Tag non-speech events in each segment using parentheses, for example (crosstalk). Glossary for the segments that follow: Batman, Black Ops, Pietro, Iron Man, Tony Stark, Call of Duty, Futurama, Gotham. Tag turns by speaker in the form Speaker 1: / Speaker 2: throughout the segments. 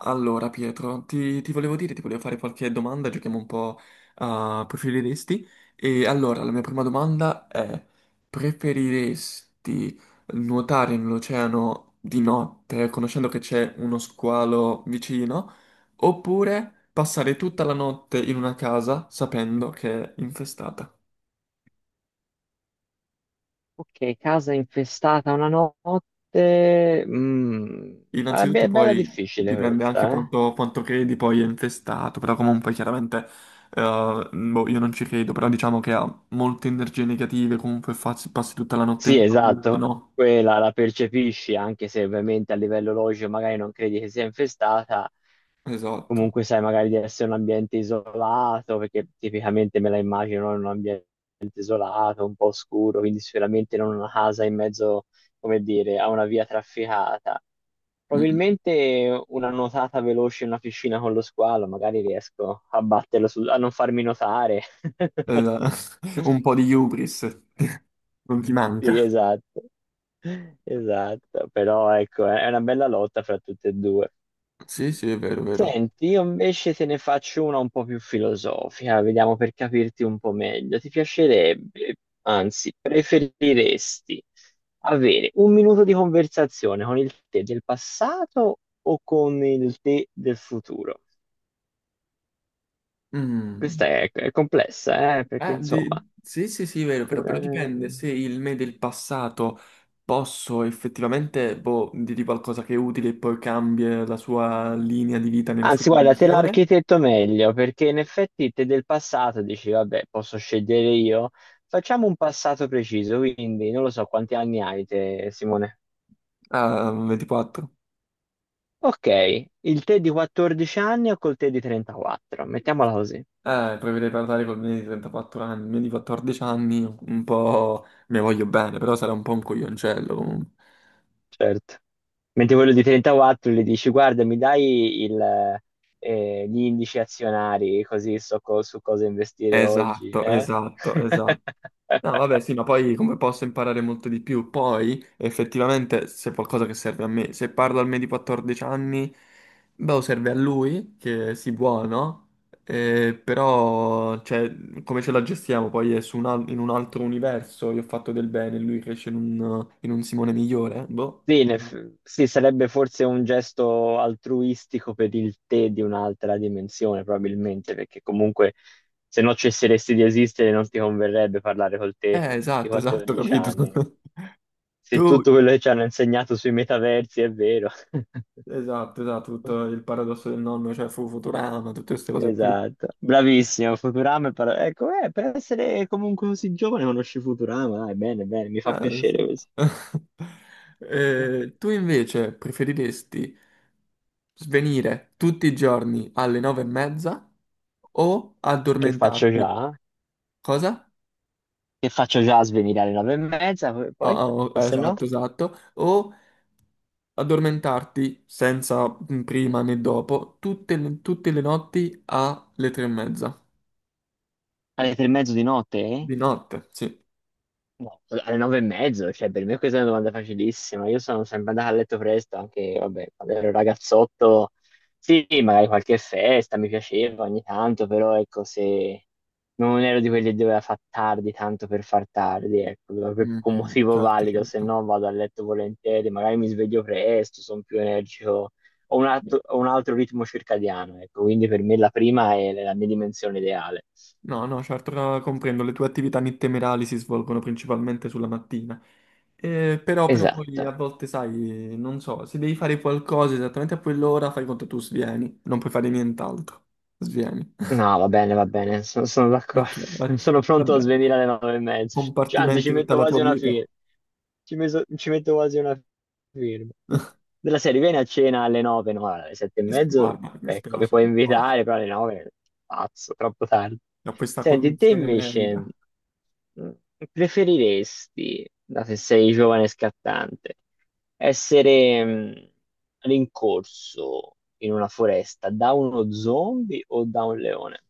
Speaker 1: Allora, Pietro, ti volevo dire, ti volevo fare qualche domanda, giochiamo un po' a preferiresti. E allora, la mia prima domanda è, preferiresti nuotare nell'oceano di notte, conoscendo che c'è uno squalo vicino, oppure passare tutta la notte in una casa sapendo che è infestata?
Speaker 2: Ok, casa infestata una notte. Ma è
Speaker 1: Innanzitutto
Speaker 2: bella
Speaker 1: poi
Speaker 2: difficile
Speaker 1: dipende anche
Speaker 2: questa, eh?
Speaker 1: quanto credi poi è infestato, però comunque chiaramente boh, io non ci credo, però diciamo che ha molte energie negative, comunque passi tutta la notte
Speaker 2: Sì,
Speaker 1: in paura,
Speaker 2: esatto.
Speaker 1: no?
Speaker 2: Quella la percepisci, anche se ovviamente a livello logico magari non credi che sia infestata.
Speaker 1: Esatto.
Speaker 2: Comunque sai magari di essere un ambiente isolato, perché tipicamente me la immagino in un ambiente isolato, un po' oscuro, quindi sicuramente non una casa in mezzo, come dire, a una via trafficata.
Speaker 1: Mm.
Speaker 2: Probabilmente una nuotata veloce in una piscina con lo squalo, magari riesco a batterlo a non farmi notare. (laughs)
Speaker 1: Eh, (laughs) un po' di hubris (laughs) non ti
Speaker 2: Sì,
Speaker 1: manca.
Speaker 2: esatto. Esatto, però ecco, è una bella lotta fra tutte e due.
Speaker 1: Sì, sì, è vero, è vero.
Speaker 2: Senti, io invece te ne faccio una un po' più filosofica, vediamo per capirti un po' meglio. Ti piacerebbe, anzi, preferiresti avere un minuto di conversazione con il te del passato o con il te del futuro?
Speaker 1: Mm.
Speaker 2: Questa è complessa, perché insomma.
Speaker 1: Sì, sì, sì, vero, però dipende
Speaker 2: eh,
Speaker 1: se il me del passato posso effettivamente boh, dirgli qualcosa che è utile e poi cambia la sua linea di vita nella sua
Speaker 2: Anzi, guarda, te
Speaker 1: dimensione.
Speaker 2: l'architetto meglio, perché in effetti te del passato dici, vabbè, posso scegliere io. Facciamo un passato preciso, quindi non lo so quanti anni hai te, Simone.
Speaker 1: Ah, 24.
Speaker 2: Ok, il te di 14 anni o col te di 34? Mettiamola così.
Speaker 1: Poi vedrei parlare col me di 34 anni, il me di 14 anni, un po' mi voglio bene, però sarà un po' un coglioncello comunque.
Speaker 2: Certo. Mentre quello di 34 gli dici, guarda, mi dai gli indici azionari, così so su cosa investire oggi,
Speaker 1: Esatto,
Speaker 2: eh?
Speaker 1: esatto, esatto. No, vabbè,
Speaker 2: (laughs)
Speaker 1: sì, ma poi come posso imparare molto di più? Poi, effettivamente, se è qualcosa che serve a me, se parlo al me di 14 anni, beh, o serve a lui, che si buono, però, cioè, come ce la gestiamo? Poi è su in un altro universo, io ho fatto del bene, lui cresce in un Simone migliore, boh.
Speaker 2: Sì, sì, sarebbe forse un gesto altruistico per il te di un'altra dimensione, probabilmente, perché comunque se no cesseresti di esistere non ti converrebbe parlare col te di
Speaker 1: Esatto, esatto,
Speaker 2: 14
Speaker 1: capito.
Speaker 2: anni.
Speaker 1: (laughs)
Speaker 2: Se
Speaker 1: Tu,
Speaker 2: tutto quello che ci hanno insegnato sui metaversi è vero.
Speaker 1: esatto, esatto, tutto
Speaker 2: (laughs)
Speaker 1: il paradosso del nonno, cioè fu Futurama, tutte queste cose qui.
Speaker 2: Esatto, bravissimo, Futurama è ecco, per essere comunque così giovane conosci Futurama, dai, bene, bene, mi fa
Speaker 1: Ah,
Speaker 2: piacere
Speaker 1: adesso-
Speaker 2: questo.
Speaker 1: (laughs) Tu invece preferiresti svenire tutti i giorni alle nove e mezza o
Speaker 2: Che faccio
Speaker 1: addormentarti?
Speaker 2: già?
Speaker 1: Cosa?
Speaker 2: Che faccio già a svenire alle 9:30, poi?
Speaker 1: Ah,
Speaker 2: poi?
Speaker 1: ah, oh,
Speaker 2: O se no?
Speaker 1: esatto, esatto. O addormentarti senza prima né dopo tutte le notti alle tre e mezza.
Speaker 2: Alle 3:30 di notte, eh?
Speaker 1: Di notte, sì.
Speaker 2: No, alle 9:30, cioè per me questa è una domanda facilissima. Io sono sempre andato a letto presto, anche vabbè, quando ero ragazzotto, sì, magari qualche festa mi piaceva ogni tanto, però ecco, se non ero di quelli che doveva far tardi tanto per far tardi, ecco, per
Speaker 1: Mm,
Speaker 2: un
Speaker 1: mm,
Speaker 2: motivo
Speaker 1: certo,
Speaker 2: valido, se
Speaker 1: certo.
Speaker 2: no vado a letto volentieri, magari mi sveglio presto, sono più energico, ho un altro ritmo circadiano, ecco, quindi per me la prima è la mia dimensione ideale.
Speaker 1: No, no, certo, comprendo, le tue attività nittemerali si svolgono principalmente sulla mattina. Però poi a
Speaker 2: Esatto.
Speaker 1: volte, sai, non so, se devi fare qualcosa esattamente a quell'ora, fai conto tu svieni, non puoi fare nient'altro. Svieni.
Speaker 2: No,
Speaker 1: (laughs)
Speaker 2: va bene, sono d'accordo.
Speaker 1: Ok,
Speaker 2: (laughs) Sono
Speaker 1: va
Speaker 2: pronto a
Speaker 1: bene.
Speaker 2: svenire alle 9:30. Cioè, anzi, ci
Speaker 1: Compartimenti tutta
Speaker 2: metto
Speaker 1: la
Speaker 2: quasi
Speaker 1: tua
Speaker 2: una
Speaker 1: vita.
Speaker 2: firma. Ci metto quasi una firma. Della serie, vieni a cena alle nove, no, alle sette e mezzo,
Speaker 1: Guarda, mi
Speaker 2: ecco, mi
Speaker 1: spiace
Speaker 2: puoi
Speaker 1: un po'
Speaker 2: invitare, però alle nove, pazzo, troppo tardi.
Speaker 1: da questa
Speaker 2: Senti, te
Speaker 1: condizione
Speaker 2: invece,
Speaker 1: medica.
Speaker 2: mh, preferiresti, dato che sei giovane e scattante, essere rincorso in una foresta da uno zombie o da un leone?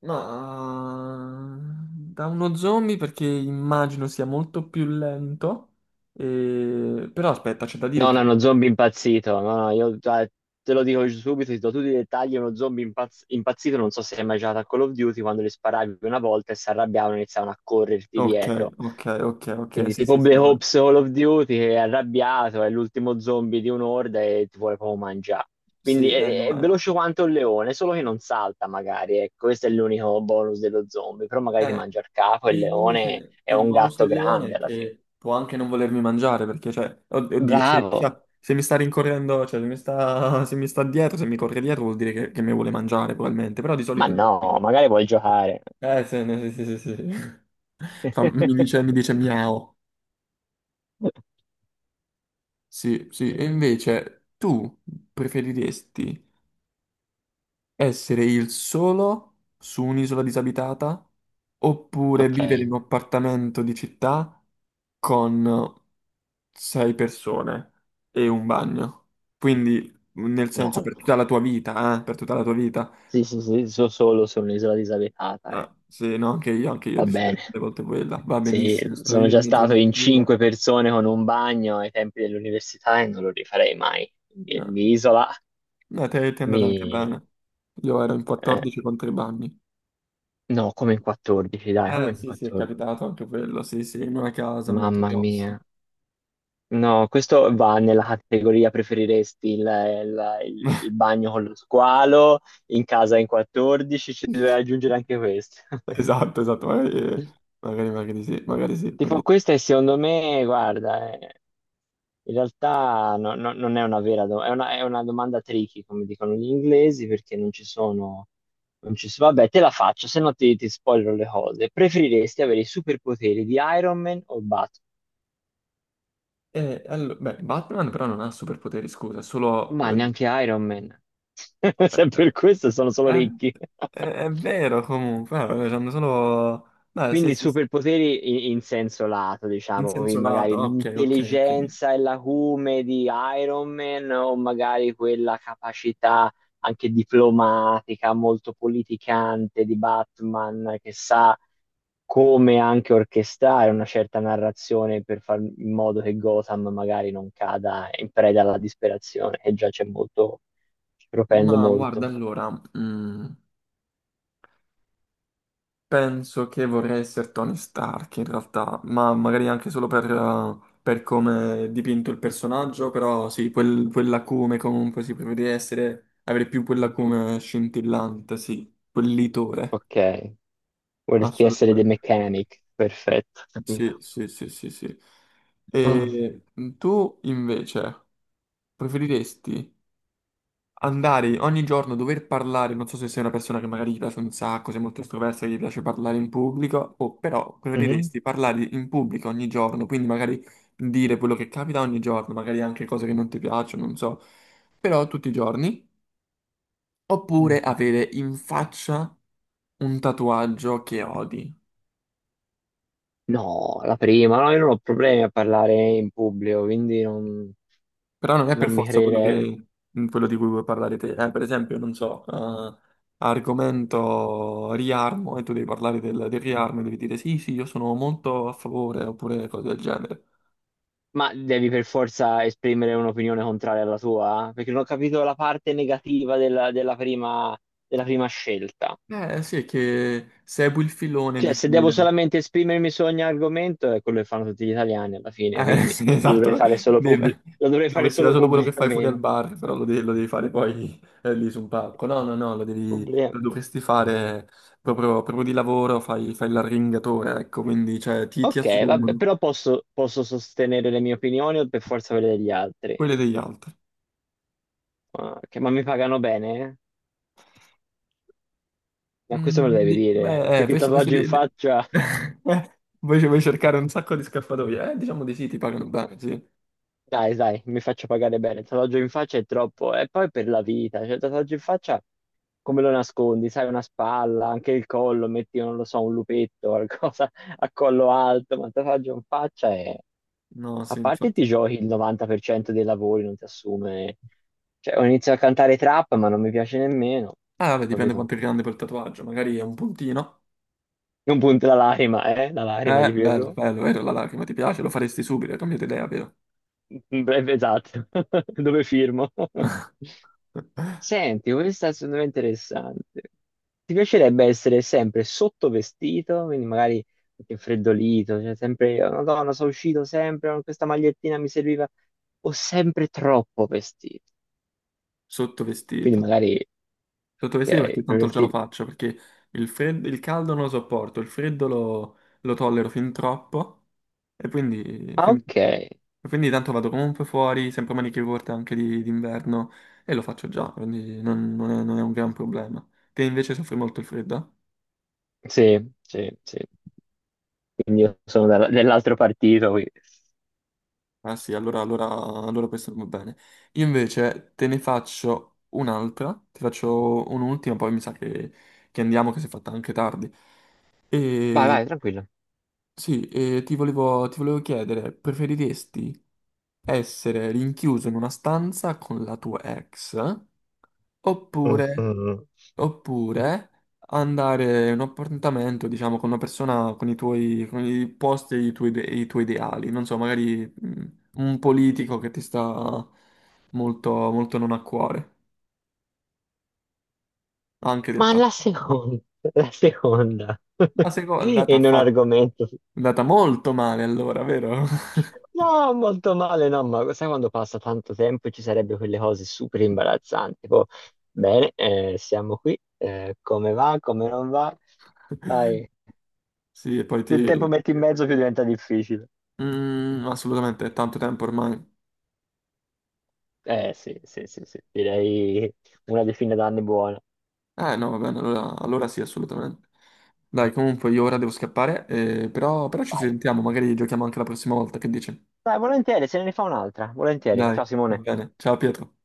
Speaker 1: Ma da uno zombie perché immagino sia molto più lento. Però aspetta, c'è da dire
Speaker 2: No, no,
Speaker 1: che
Speaker 2: uno zombie impazzito. No, no, io te lo dico subito, ti do tutti i dettagli. È uno zombie impazzito, non so se hai mai giocato a Call of Duty, quando li sparavi una volta e si arrabbiavano e iniziavano a correrti
Speaker 1: ok,
Speaker 2: dietro.
Speaker 1: ok, ok, ok,
Speaker 2: Quindi
Speaker 1: sì,
Speaker 2: tipo
Speaker 1: sì, sì,
Speaker 2: Black
Speaker 1: allora,
Speaker 2: Ops Call of Duty che è arrabbiato, è l'ultimo zombie di un'orda e ti vuole proprio mangiare. Quindi
Speaker 1: sì,
Speaker 2: è
Speaker 1: no,
Speaker 2: veloce quanto un leone, solo che non salta magari, ecco, questo è l'unico bonus dello zombie, però magari ti
Speaker 1: eh,
Speaker 2: mangia il capo e il
Speaker 1: e
Speaker 2: leone
Speaker 1: invece
Speaker 2: è
Speaker 1: il
Speaker 2: un
Speaker 1: bonus
Speaker 2: gatto
Speaker 1: del leone
Speaker 2: grande
Speaker 1: è
Speaker 2: alla fine.
Speaker 1: che può anche non volermi mangiare, perché, cioè, oddio, se, mi
Speaker 2: Bravo!
Speaker 1: sta se mi sta rincorrendo, cioè, se mi sta, se mi sta dietro, se mi corre dietro vuol dire che mi vuole mangiare, probabilmente, però di
Speaker 2: Ma
Speaker 1: solito il
Speaker 2: no,
Speaker 1: leone-
Speaker 2: magari vuoi giocare.
Speaker 1: Sì, no, sì, sì, sì, sì. (laughs) Mi
Speaker 2: (laughs)
Speaker 1: dice miau, sì, sì, e invece tu preferiresti essere il solo su un'isola disabitata oppure
Speaker 2: Ok,
Speaker 1: vivere in un appartamento di città con sei persone e un bagno. Quindi, nel
Speaker 2: no,
Speaker 1: senso, per
Speaker 2: no.
Speaker 1: tutta la tua vita, per tutta la tua vita.
Speaker 2: Sì, sì, sì, so solo su un'isola disabitata. Eh.
Speaker 1: Ah, sì, no, anche io
Speaker 2: Va bene.
Speaker 1: deciderei delle volte quella. Va
Speaker 2: Sì,
Speaker 1: benissimo, sto
Speaker 2: sono
Speaker 1: io in
Speaker 2: già
Speaker 1: mezzo
Speaker 2: stato
Speaker 1: alla
Speaker 2: in
Speaker 1: natura.
Speaker 2: cinque persone con un bagno ai tempi dell'università e non lo rifarei mai. Quindi
Speaker 1: No,
Speaker 2: l'isola
Speaker 1: no, ti è andata anche
Speaker 2: mi.
Speaker 1: bene. Io ero in
Speaker 2: eh,
Speaker 1: 14 contro i bagni.
Speaker 2: no, come in 14, dai, come in
Speaker 1: Sì, sì, è
Speaker 2: 14.
Speaker 1: capitato anche quello, sì, sì, in una casa molto
Speaker 2: Mamma mia.
Speaker 1: grossa.
Speaker 2: No, questo va nella categoria preferiresti il bagno con lo squalo, in casa in 14, ci deve aggiungere
Speaker 1: (laughs)
Speaker 2: anche questo. (laughs)
Speaker 1: Esatto, esatto, magari, magari, magari sì, magari sì, magari
Speaker 2: Tipo,
Speaker 1: sì.
Speaker 2: questa è secondo me, guarda, in realtà non è una vera domanda, è una domanda tricky, come dicono gli inglesi, perché non ci sono- Vabbè, te la faccio, se no ti spoilerò le cose. Preferiresti avere i superpoteri di Iron Man o Batman?
Speaker 1: E, beh, Batman però non ha superpoteri, scusa, è solo...
Speaker 2: Ma neanche Iron Man. (laughs) Se per
Speaker 1: eh,
Speaker 2: questo sono solo
Speaker 1: È,
Speaker 2: ricchi.
Speaker 1: è vero comunque, vabbè, hanno solo... Beh, sì,
Speaker 2: Quindi
Speaker 1: sì, sì,
Speaker 2: superpoteri in senso lato,
Speaker 1: in
Speaker 2: diciamo, quindi
Speaker 1: senso lato,
Speaker 2: magari
Speaker 1: ok, ok, ok.
Speaker 2: l'intelligenza e l'acume di Iron Man o magari quella capacità anche diplomatica, molto politicante di Batman che sa come anche orchestrare una certa narrazione per fare in modo che Gotham magari non cada in preda alla disperazione, che già c'è molto, ci propende
Speaker 1: Ma guarda,
Speaker 2: molto.
Speaker 1: allora... mm, penso che vorrei essere Tony Stark in realtà, ma magari anche solo per come è dipinto il personaggio, però sì, quell'acume comunque si prevede essere, avere più quell'acume scintillante, sì, quel litore,
Speaker 2: Ok, vorresti essere The
Speaker 1: assolutamente.
Speaker 2: Mechanic, perfetto,
Speaker 1: Sì,
Speaker 2: capito.
Speaker 1: sì, sì, sì, sì. E tu invece preferiresti andare ogni giorno, dover parlare, non so se sei una persona che magari gli piace un sacco, sei molto estroversa, che gli piace parlare in pubblico, o però
Speaker 2: Mhm.
Speaker 1: preferiresti parlare in pubblico ogni giorno, quindi magari dire quello che capita ogni giorno, magari anche cose che non ti piacciono, non so, però tutti i giorni, oppure
Speaker 2: Mm.
Speaker 1: avere in faccia un tatuaggio che odi.
Speaker 2: No, la prima, no, io non ho problemi a parlare in pubblico, quindi non,
Speaker 1: Però non è per
Speaker 2: non mi
Speaker 1: forza quello
Speaker 2: crede.
Speaker 1: che- mm, quello di cui vuoi parlare te. Per esempio, non so, argomento riarmo e tu devi parlare del riarmo e devi dire sì, sì, io sono molto a favore oppure cose del genere.
Speaker 2: Ma devi per forza esprimere un'opinione contraria alla tua? Eh? Perché non ho capito la parte negativa della prima scelta.
Speaker 1: Eh sì, è che segui il filone di
Speaker 2: Cioè, se
Speaker 1: chi...
Speaker 2: devo solamente esprimermi su ogni argomento, è quello che fanno tutti gli italiani alla fine,
Speaker 1: (laughs)
Speaker 2: quindi
Speaker 1: Sì,
Speaker 2: lo dovrei
Speaker 1: esatto.
Speaker 2: fare solo, pubblic-
Speaker 1: Deve-
Speaker 2: lo dovrei fare
Speaker 1: Dovresti fare
Speaker 2: solo
Speaker 1: solo quello che fai fuori al
Speaker 2: pubblicamente.
Speaker 1: bar, però lo devi fare poi lì su un palco. No, no, no, lo devi, lo
Speaker 2: Pubblicamente.
Speaker 1: dovresti fare proprio di lavoro, fai l'arringatore, ecco, quindi cioè, ti
Speaker 2: Ok, vabbè,
Speaker 1: assumono.
Speaker 2: però posso sostenere le mie opinioni o per forza quelle degli altri?
Speaker 1: Quelle degli altri.
Speaker 2: Ma, mi pagano bene? Ma questo me lo
Speaker 1: Mm,
Speaker 2: devi dire,
Speaker 1: beh,
Speaker 2: perché il tatuaggio in faccia,
Speaker 1: (laughs) vuoi cercare un sacco di scappatoie? Diciamo di sì, ti pagano bene, sì.
Speaker 2: dai, dai, mi faccio pagare bene. Il tatuaggio in faccia è troppo, e poi per la vita, cioè il tatuaggio in faccia come lo nascondi? Sai, una spalla, anche il collo, metti, non lo so, un lupetto, (laughs) qualcosa a collo alto, ma il tatuaggio in faccia è.
Speaker 1: No,
Speaker 2: A
Speaker 1: sì,
Speaker 2: parte
Speaker 1: infatti.
Speaker 2: ti giochi il 90% dei lavori, non ti assume. Cioè, ho iniziato a cantare trap, ma non mi piace nemmeno,
Speaker 1: Ah, vabbè, dipende
Speaker 2: capito?
Speaker 1: quanto è grande quel tatuaggio, magari è un puntino.
Speaker 2: Non punta la lacrima di
Speaker 1: Bello,
Speaker 2: Pierrot.
Speaker 1: bello, vero, la lacrima ti piace? Lo faresti subito, hai cambiato idea, vero?
Speaker 2: Beh, esatto, (laughs) dove firmo? (laughs)
Speaker 1: (laughs)
Speaker 2: Senti, questa è secondo me interessante. Ti piacerebbe essere sempre sottovestito, quindi magari anche freddolito, cioè sempre, "Oh, Madonna, sono uscito sempre, oh, questa magliettina mi serviva, o sempre troppo vestito. Quindi
Speaker 1: Sottovestito.
Speaker 2: magari,
Speaker 1: Sottovestito
Speaker 2: ok,
Speaker 1: perché
Speaker 2: per
Speaker 1: tanto già lo
Speaker 2: vestire.
Speaker 1: faccio, perché il caldo non lo sopporto, il freddo lo tollero fin troppo, e quindi...
Speaker 2: Ah, ok,
Speaker 1: quindi- e quindi tanto vado comunque fuori, sempre maniche corte anche d'inverno e lo faccio già, quindi non, non è un gran problema. Te invece soffri molto il freddo?
Speaker 2: sì, sì, sì, quindi io sono dell'altro partito, quindi.
Speaker 1: Ah sì, allora, allora, allora questo non va bene. Io invece te ne faccio un'altra, ti faccio un'ultima, poi mi sa che andiamo, che si è fatta anche tardi.
Speaker 2: Vai,
Speaker 1: E
Speaker 2: vai, tranquillo.
Speaker 1: sì, e ti volevo chiedere, preferiresti essere rinchiuso in una stanza con la tua ex? Oppure
Speaker 2: Mhm.
Speaker 1: oppure andare in un appuntamento, diciamo, con una persona con i tuoi, con i posti e i tuoi, i tuoi ideali. Non so, magari mm, un politico che ti sta molto, molto non a cuore, anche del
Speaker 2: Ma
Speaker 1: passato.
Speaker 2: la seconda,
Speaker 1: La
Speaker 2: (laughs)
Speaker 1: seconda è
Speaker 2: e
Speaker 1: andata,
Speaker 2: non argomento.
Speaker 1: è andata molto male allora, vero? (laughs)
Speaker 2: No, molto male, no, ma sai quando passa tanto tempo e ci sarebbero quelle cose super imbarazzanti. Tipo, bene, siamo qui, come va, come non va. Dai,
Speaker 1: Sì, e poi sì.
Speaker 2: più tempo
Speaker 1: Ti...
Speaker 2: metti in mezzo, più diventa difficile.
Speaker 1: mm, assolutamente, è tanto tempo ormai.
Speaker 2: Eh sì, sì, sì, sì, direi una decina d'anni buona.
Speaker 1: Eh no, va bene, allora, allora sì, assolutamente. Dai, comunque io ora devo scappare, però ci
Speaker 2: Vai.
Speaker 1: sentiamo, magari giochiamo anche la prossima volta, che dici?
Speaker 2: Dai, volentieri, se ne rifà un'altra, volentieri.
Speaker 1: Dai,
Speaker 2: Ciao
Speaker 1: va
Speaker 2: Simone.
Speaker 1: bene. Ciao Pietro.